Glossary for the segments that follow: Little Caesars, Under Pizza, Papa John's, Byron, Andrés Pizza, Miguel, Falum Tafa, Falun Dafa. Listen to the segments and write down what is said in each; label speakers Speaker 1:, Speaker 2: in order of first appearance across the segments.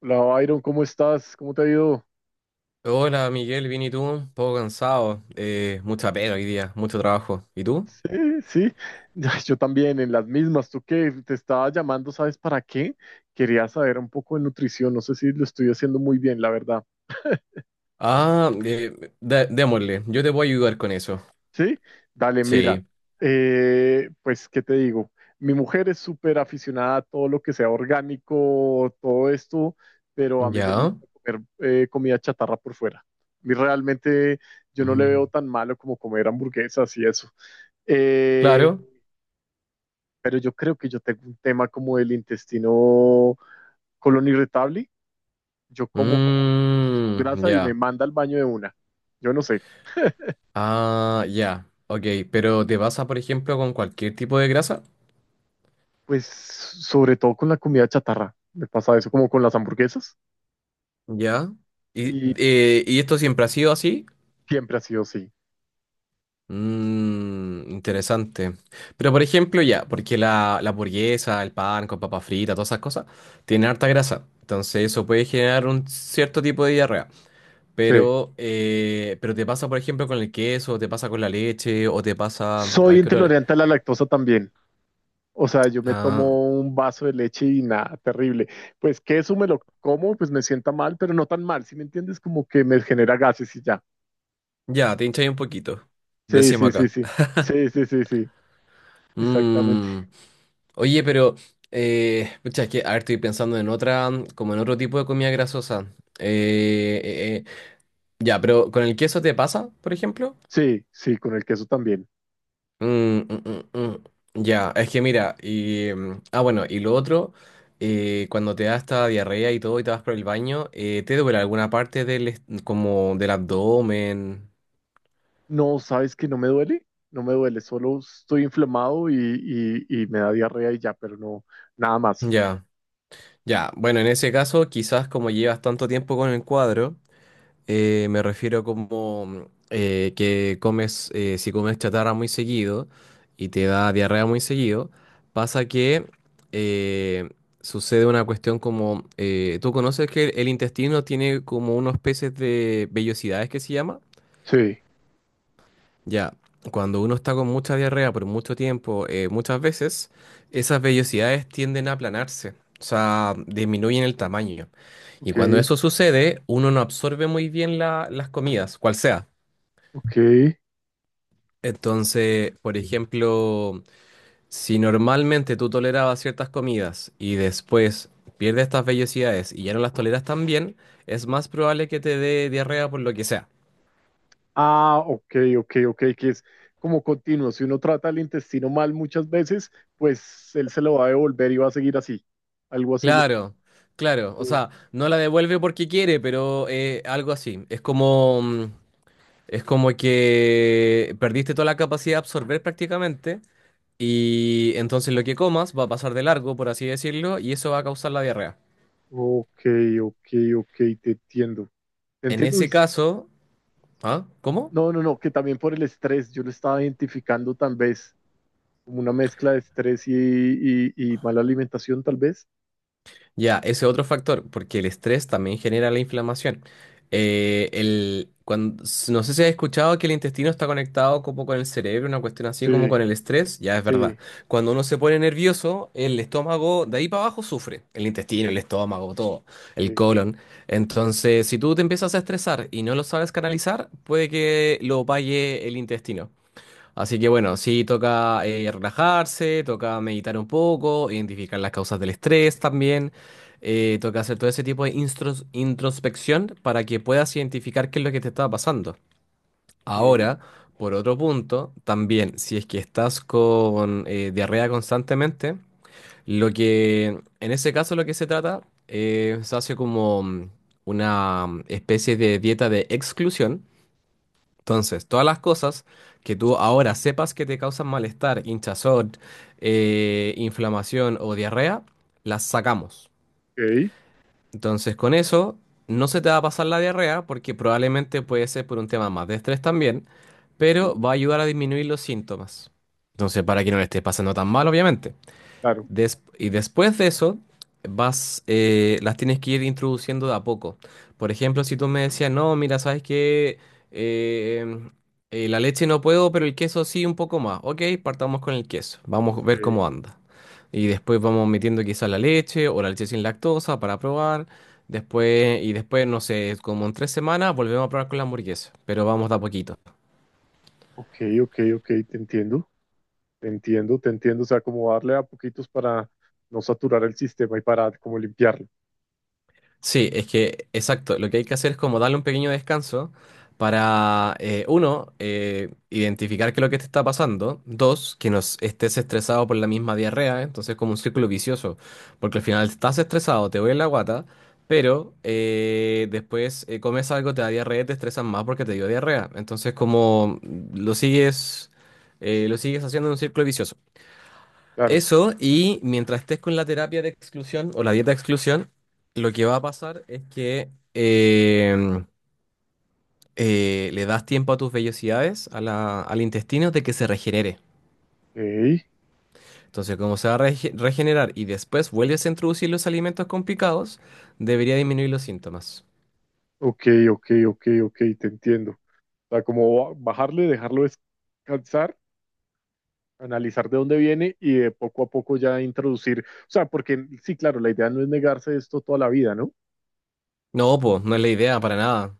Speaker 1: Hola, Byron, ¿cómo estás? ¿Cómo te ha ido?
Speaker 2: Hola, Miguel, bien y tú, un poco cansado, mucha pega hoy día, mucho trabajo. ¿Y tú?
Speaker 1: Sí, sí, ya, yo también, en las mismas. ¿Tú qué? Te estaba llamando, ¿sabes para qué? Quería saber un poco de nutrición, no sé si lo estoy haciendo muy bien, la verdad.
Speaker 2: Ah, eh, Démosle, yo te puedo ayudar con eso.
Speaker 1: Sí, dale, mira,
Speaker 2: Sí,
Speaker 1: pues, ¿qué te digo? Mi mujer es súper aficionada a todo lo que sea orgánico, todo esto, pero a mí me
Speaker 2: ya,
Speaker 1: gusta comer comida chatarra por fuera. A mí realmente yo no le
Speaker 2: mm,
Speaker 1: veo tan malo como comer hamburguesas y eso. Eh,
Speaker 2: claro,
Speaker 1: pero yo creo que yo tengo un tema como del intestino, colon irritable. Yo como cosas con
Speaker 2: mm,
Speaker 1: grasa y me
Speaker 2: ya,
Speaker 1: manda al baño de una. Yo no sé.
Speaker 2: ah, ya, ok, pero ¿te pasa, por ejemplo, con cualquier tipo de grasa?
Speaker 1: Pues sobre todo con la comida chatarra. Me pasa eso como con las hamburguesas,
Speaker 2: Ya, ¿y,
Speaker 1: y
Speaker 2: y esto siempre ha sido así?
Speaker 1: siempre ha sido así.
Speaker 2: Mm, interesante. Pero, por ejemplo, ya, porque la hamburguesa, el pan con papa frita, todas esas cosas tienen harta grasa. Entonces eso puede generar un cierto tipo de diarrea.
Speaker 1: Sí.
Speaker 2: Pero te pasa, por ejemplo, con el queso, te pasa con la leche, o te pasa... A
Speaker 1: Soy
Speaker 2: ver, ¿qué otra?
Speaker 1: intolerante a la lactosa también. O sea, yo me
Speaker 2: Ah,
Speaker 1: tomo un vaso de leche y nada, terrible. Pues queso me lo como, pues me sienta mal, pero no tan mal, ¿si me entiendes? Como que me genera gases y ya.
Speaker 2: ya, te hinchas ahí un poquito.
Speaker 1: Sí,
Speaker 2: Decíamos
Speaker 1: sí, sí,
Speaker 2: acá.
Speaker 1: sí. Sí, sí, sí, sí. Exactamente.
Speaker 2: Mm, Oye, pero... pucha, es que, a ver, estoy pensando en otra, como en otro tipo de comida grasosa. Eh, eh, eh, Ya, pero ¿con el queso te pasa, por ejemplo?
Speaker 1: Sí, sí, con el queso también.
Speaker 2: Mm, mm, mm, mm. Ya, es que mira, y... ah, bueno, y lo otro, cuando te da esta diarrea y todo y te vas por el baño, ¿te duele alguna parte del, como del abdomen?
Speaker 1: No, ¿sabes que no me duele? No me duele, solo estoy inflamado y me da diarrea y ya, pero no, nada más.
Speaker 2: Ya, ya. Bueno, en ese caso, quizás como llevas tanto tiempo con el cuadro, me refiero como que comes, si comes chatarra muy seguido y te da diarrea muy seguido, pasa que eh, sucede una cuestión como, ¿tú conoces que el intestino tiene como unos peces de vellosidades que se llama?
Speaker 1: Sí,
Speaker 2: Ya, cuando uno está con mucha diarrea por mucho tiempo, muchas veces, esas vellosidades tienden a aplanarse, o sea, disminuyen el tamaño. Y
Speaker 1: ok,
Speaker 2: cuando eso sucede, uno no absorbe muy bien las comidas, cual sea.
Speaker 1: ok.
Speaker 2: Entonces, por ejemplo, si normalmente tú tolerabas ciertas comidas y después pierdes estas vellosidades y ya no las toleras tan bien, es más probable que te dé diarrea por lo que sea.
Speaker 1: Ah, ok, ok, ok, que es como continuo. Si uno trata el intestino mal muchas veces, pues él se lo va a devolver y va a seguir así. Algo así es lo que...
Speaker 2: Claro, claro. O sea, no la devuelve porque quiere, pero algo así. Es como, es como que perdiste toda la capacidad de absorber prácticamente, y entonces lo que comas va a pasar de largo, por así decirlo, y eso va a causar la diarrea.
Speaker 1: Ok, ok, ok, te entiendo. Te
Speaker 2: En
Speaker 1: entiendo. Uy,
Speaker 2: ese caso, ¿ah? ¿Cómo?
Speaker 1: no, no, no, que también por el estrés, yo lo estaba identificando tal vez, como una mezcla de estrés y mala alimentación, tal vez.
Speaker 2: Ya, ese otro factor, porque el estrés también genera la inflamación. No sé si has escuchado que el intestino está conectado como con el cerebro, una cuestión así como
Speaker 1: Sí,
Speaker 2: con el estrés, ya es verdad.
Speaker 1: sí,
Speaker 2: Cuando uno se pone nervioso, el estómago de ahí para abajo sufre, el intestino, el estómago, todo, el
Speaker 1: sí,
Speaker 2: colon. Entonces, si tú te empiezas a estresar y no lo sabes canalizar, puede que lo pague el intestino. Así que bueno, sí toca relajarse, toca meditar un poco, identificar las causas del estrés también, toca hacer todo ese tipo de introspección para que puedas identificar qué es lo que te está pasando.
Speaker 1: ok,
Speaker 2: Ahora, por otro punto, también si es que estás con diarrea constantemente, lo que en ese caso lo que se trata, se hace como una especie de dieta de exclusión. Entonces, todas las cosas que tú ahora sepas que te causan malestar, hinchazón, inflamación o diarrea, las sacamos.
Speaker 1: ok,
Speaker 2: Entonces, con eso no se te va a pasar la diarrea porque probablemente puede ser por un tema más de estrés también, pero
Speaker 1: ok,
Speaker 2: va a ayudar a disminuir los síntomas. Entonces, para que no le esté pasando tan mal, obviamente.
Speaker 1: claro,
Speaker 2: Y después de eso, vas, las tienes que ir introduciendo de a poco. Por ejemplo, si tú me decías, no, mira, sabes que la leche no puedo, pero el queso sí un poco más. Ok, partamos con el queso. Vamos a ver
Speaker 1: ok,
Speaker 2: cómo anda. Y después vamos metiendo quizás la leche o la leche sin lactosa para probar. Después, no sé, como en 3 semanas volvemos a probar con la hamburguesa. Pero vamos de a poquito.
Speaker 1: ok, ok, ok, te entiendo, te entiendo, te entiendo, o sea, como darle a poquitos para no saturar el sistema y para como limpiarlo,
Speaker 2: Sí, es que, exacto, lo que hay que hacer es como darle un pequeño descanso para, uno, identificar qué es lo que te está pasando; dos, que no es- estés estresado por la misma diarrea, ¿eh? Entonces es como un círculo vicioso, porque al final estás estresado, te duele la guata, pero después comes algo, te da diarrea, y te estresas más porque te dio diarrea, entonces como lo sigues, lo sigues haciendo en un círculo vicioso.
Speaker 1: claro,
Speaker 2: Eso, y mientras estés con la terapia de exclusión o la dieta de exclusión, lo que va a pasar es que le das tiempo a tus vellosidades, a al intestino, de que se regenere.
Speaker 1: ok,
Speaker 2: Entonces, como se va a regenerar y después vuelves a introducir los alimentos con picados, debería disminuir los síntomas.
Speaker 1: ok, ok, ok, ok, te entiendo, o sea, como bajarle, dejarlo descansar, analizar de dónde viene y de poco a poco ya introducir, o sea, porque sí, claro, la idea no es negarse esto toda la vida, ¿no?
Speaker 2: No, pues, no es la idea para nada.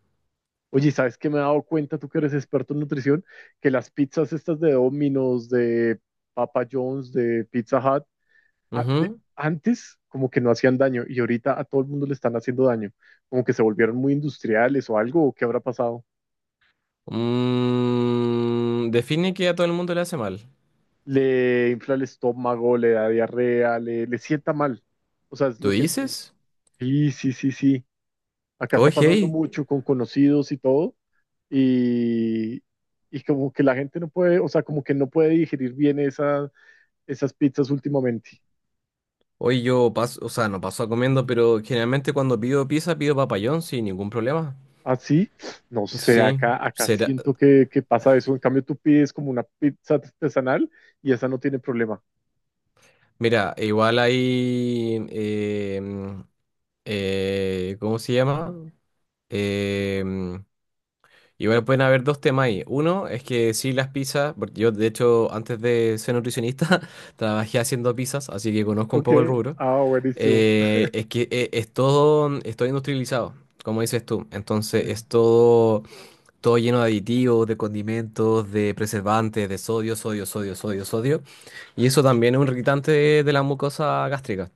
Speaker 1: Oye, ¿sabes qué? Me he dado cuenta, tú que eres experto en nutrición, que las pizzas estas de Domino's, de Papa John's, de Pizza Hut,
Speaker 2: Ujú.
Speaker 1: antes como que no hacían daño y ahorita a todo el mundo le están haciendo daño, como que se volvieron muy industriales o algo, ¿o qué habrá pasado?
Speaker 2: Define que a todo el mundo le hace mal.
Speaker 1: Le infla el estómago, le da diarrea, le sienta mal. O sea, es
Speaker 2: ¿Tú
Speaker 1: lo que...
Speaker 2: dices?
Speaker 1: Sí, sí, sí, sí. Acá está pasando
Speaker 2: Oye.
Speaker 1: mucho con conocidos y todo y, y como que la gente no puede, o sea, como que no puede digerir bien esas pizzas últimamente.
Speaker 2: Hoy yo paso, o sea, no paso a comiendo, pero generalmente cuando pido pizza pido papayón sin ningún problema.
Speaker 1: Así, no sé,
Speaker 2: Sí,
Speaker 1: acá, acá
Speaker 2: será.
Speaker 1: siento que pasa eso. En cambio, tú pides como una pizza artesanal y esa no tiene problema.
Speaker 2: Mira, igual hay. em, ¿Cómo se llama? Em, Igual pueden haber dos temas ahí. Uno es que sí, las pizzas, porque yo de hecho antes de ser nutricionista trabajé haciendo pizzas, así que conozco un
Speaker 1: Ok,
Speaker 2: poco el rubro.
Speaker 1: ah, buenísimo.
Speaker 2: Es que es todo industrializado, como dices tú. Entonces
Speaker 1: Mm,
Speaker 2: es todo todo lleno de aditivos, de condimentos, de preservantes, de sodio, sodio, sodio, sodio, sodio. Y eso también es un irritante de la mucosa gástrica.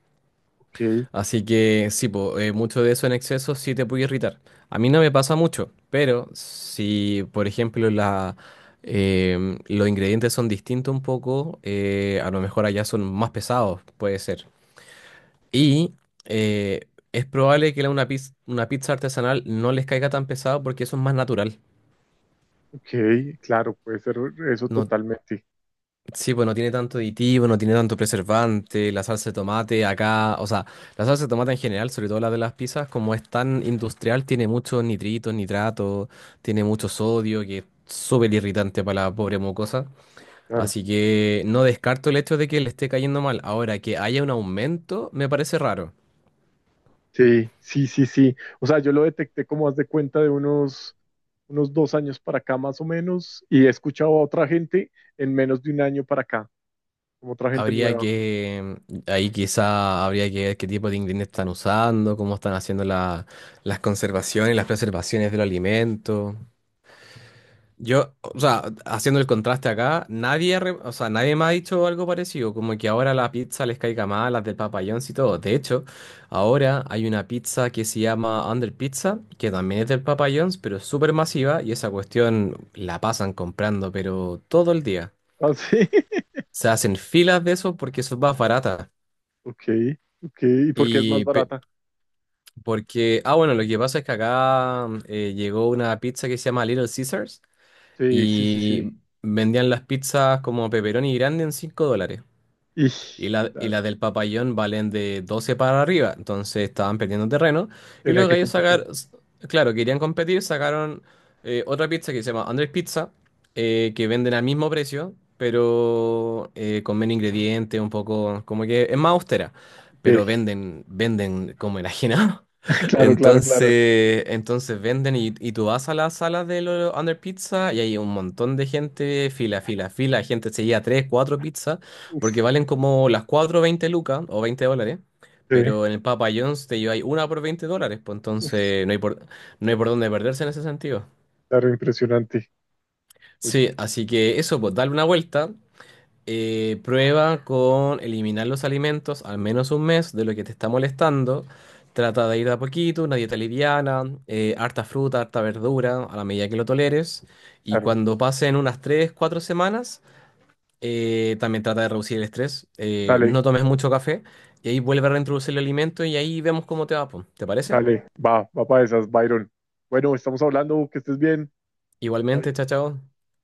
Speaker 1: ok,
Speaker 2: Así que sí, po, mucho de eso en exceso sí te puede irritar. A mí no me pasa mucho, pero si, por ejemplo, los ingredientes son distintos un poco, a lo mejor allá son más pesados, puede ser. Y es probable que una pizza artesanal no les caiga tan pesado porque eso es más natural.
Speaker 1: ok, claro, puede ser eso
Speaker 2: No.
Speaker 1: totalmente.
Speaker 2: Sí, pues no tiene tanto aditivo, no tiene tanto preservante, la salsa de tomate acá, o sea, la salsa de tomate en general, sobre todo la de las pizzas, como es tan industrial, tiene muchos nitritos, nitratos, tiene mucho sodio, que es súper irritante para la pobre mocosa.
Speaker 1: Claro.
Speaker 2: Así que no descarto el hecho de que le esté cayendo mal. Ahora, que haya un aumento, me parece raro.
Speaker 1: Sí, sí, sí, sí. O sea, yo lo detecté como haz de cuenta de unos 2 años para acá más o menos y he escuchado a otra gente en menos de 1 año para acá, como otra gente
Speaker 2: Habría
Speaker 1: nueva.
Speaker 2: que, ahí quizá habría que ver qué tipo de ingredientes están usando, cómo están haciendo las conservaciones, las preservaciones del alimento. Yo, o sea, haciendo el contraste acá, nadie, re- o sea, nadie me ha dicho algo parecido, como que ahora la pizza les caiga mal, las del Papa John's y todo. De hecho, ahora hay una pizza que se llama Under Pizza, que también es del Papa John's, pero es súper masiva y esa cuestión la pasan comprando, pero todo el día.
Speaker 1: Ah, sí.
Speaker 2: Se hacen filas de eso porque eso es más barata.
Speaker 1: Ok, ok. ¿Y por qué es más
Speaker 2: Y pe-
Speaker 1: barata?
Speaker 2: porque, ah, bueno, lo que pasa es que acá llegó una pizza que se llama Little Caesars.
Speaker 1: Sí, sí, sí,
Speaker 2: Y
Speaker 1: sí.
Speaker 2: vendían las pizzas como pepperoni grande en $5,
Speaker 1: Y,
Speaker 2: y la, y
Speaker 1: claro,
Speaker 2: la del Papayón valen de 12 para arriba, entonces estaban perdiendo terreno. Y
Speaker 1: tenía
Speaker 2: los
Speaker 1: que
Speaker 2: gallos
Speaker 1: computar.
Speaker 2: sacaron, claro, querían competir, sacaron otra pizza que se llama Andrés Pizza, que venden al mismo precio, pero con menos ingredientes, un poco, como que es más austera, pero
Speaker 1: Ok.
Speaker 2: venden como enajenado.
Speaker 1: Claro, claro, claro.
Speaker 2: Entonces venden, y, tú vas a las salas de los Under Pizza y hay un montón de gente, fila, fila, fila, gente se lleva tres, cuatro pizzas
Speaker 1: Uf,
Speaker 2: porque valen como las cuatro veinte 20 lucas o $20.
Speaker 1: sí.
Speaker 2: Pero en el Papa John's te lleváis una por $20. Pues
Speaker 1: Uf,
Speaker 2: entonces no hay por dónde perderse en ese sentido.
Speaker 1: claro, impresionante.
Speaker 2: Sí,
Speaker 1: Oye,
Speaker 2: así que eso, pues darle una vuelta. Prueba con eliminar los alimentos al menos un mes de lo que te está molestando. Trata de ir de a poquito, una dieta liviana, harta fruta, harta verdura, a la medida que lo toleres. Y
Speaker 1: claro.
Speaker 2: cuando pasen unas 3 4 semanas, también trata de reducir el estrés. eh,
Speaker 1: Dale,
Speaker 2: no tomes mucho café y ahí vuelve a reintroducir el alimento y ahí vemos cómo te va, po. ¿Te parece?
Speaker 1: dale. Va, va para esas, Byron. Bueno, estamos hablando, que estés bien.
Speaker 2: Igualmente, chao, chao.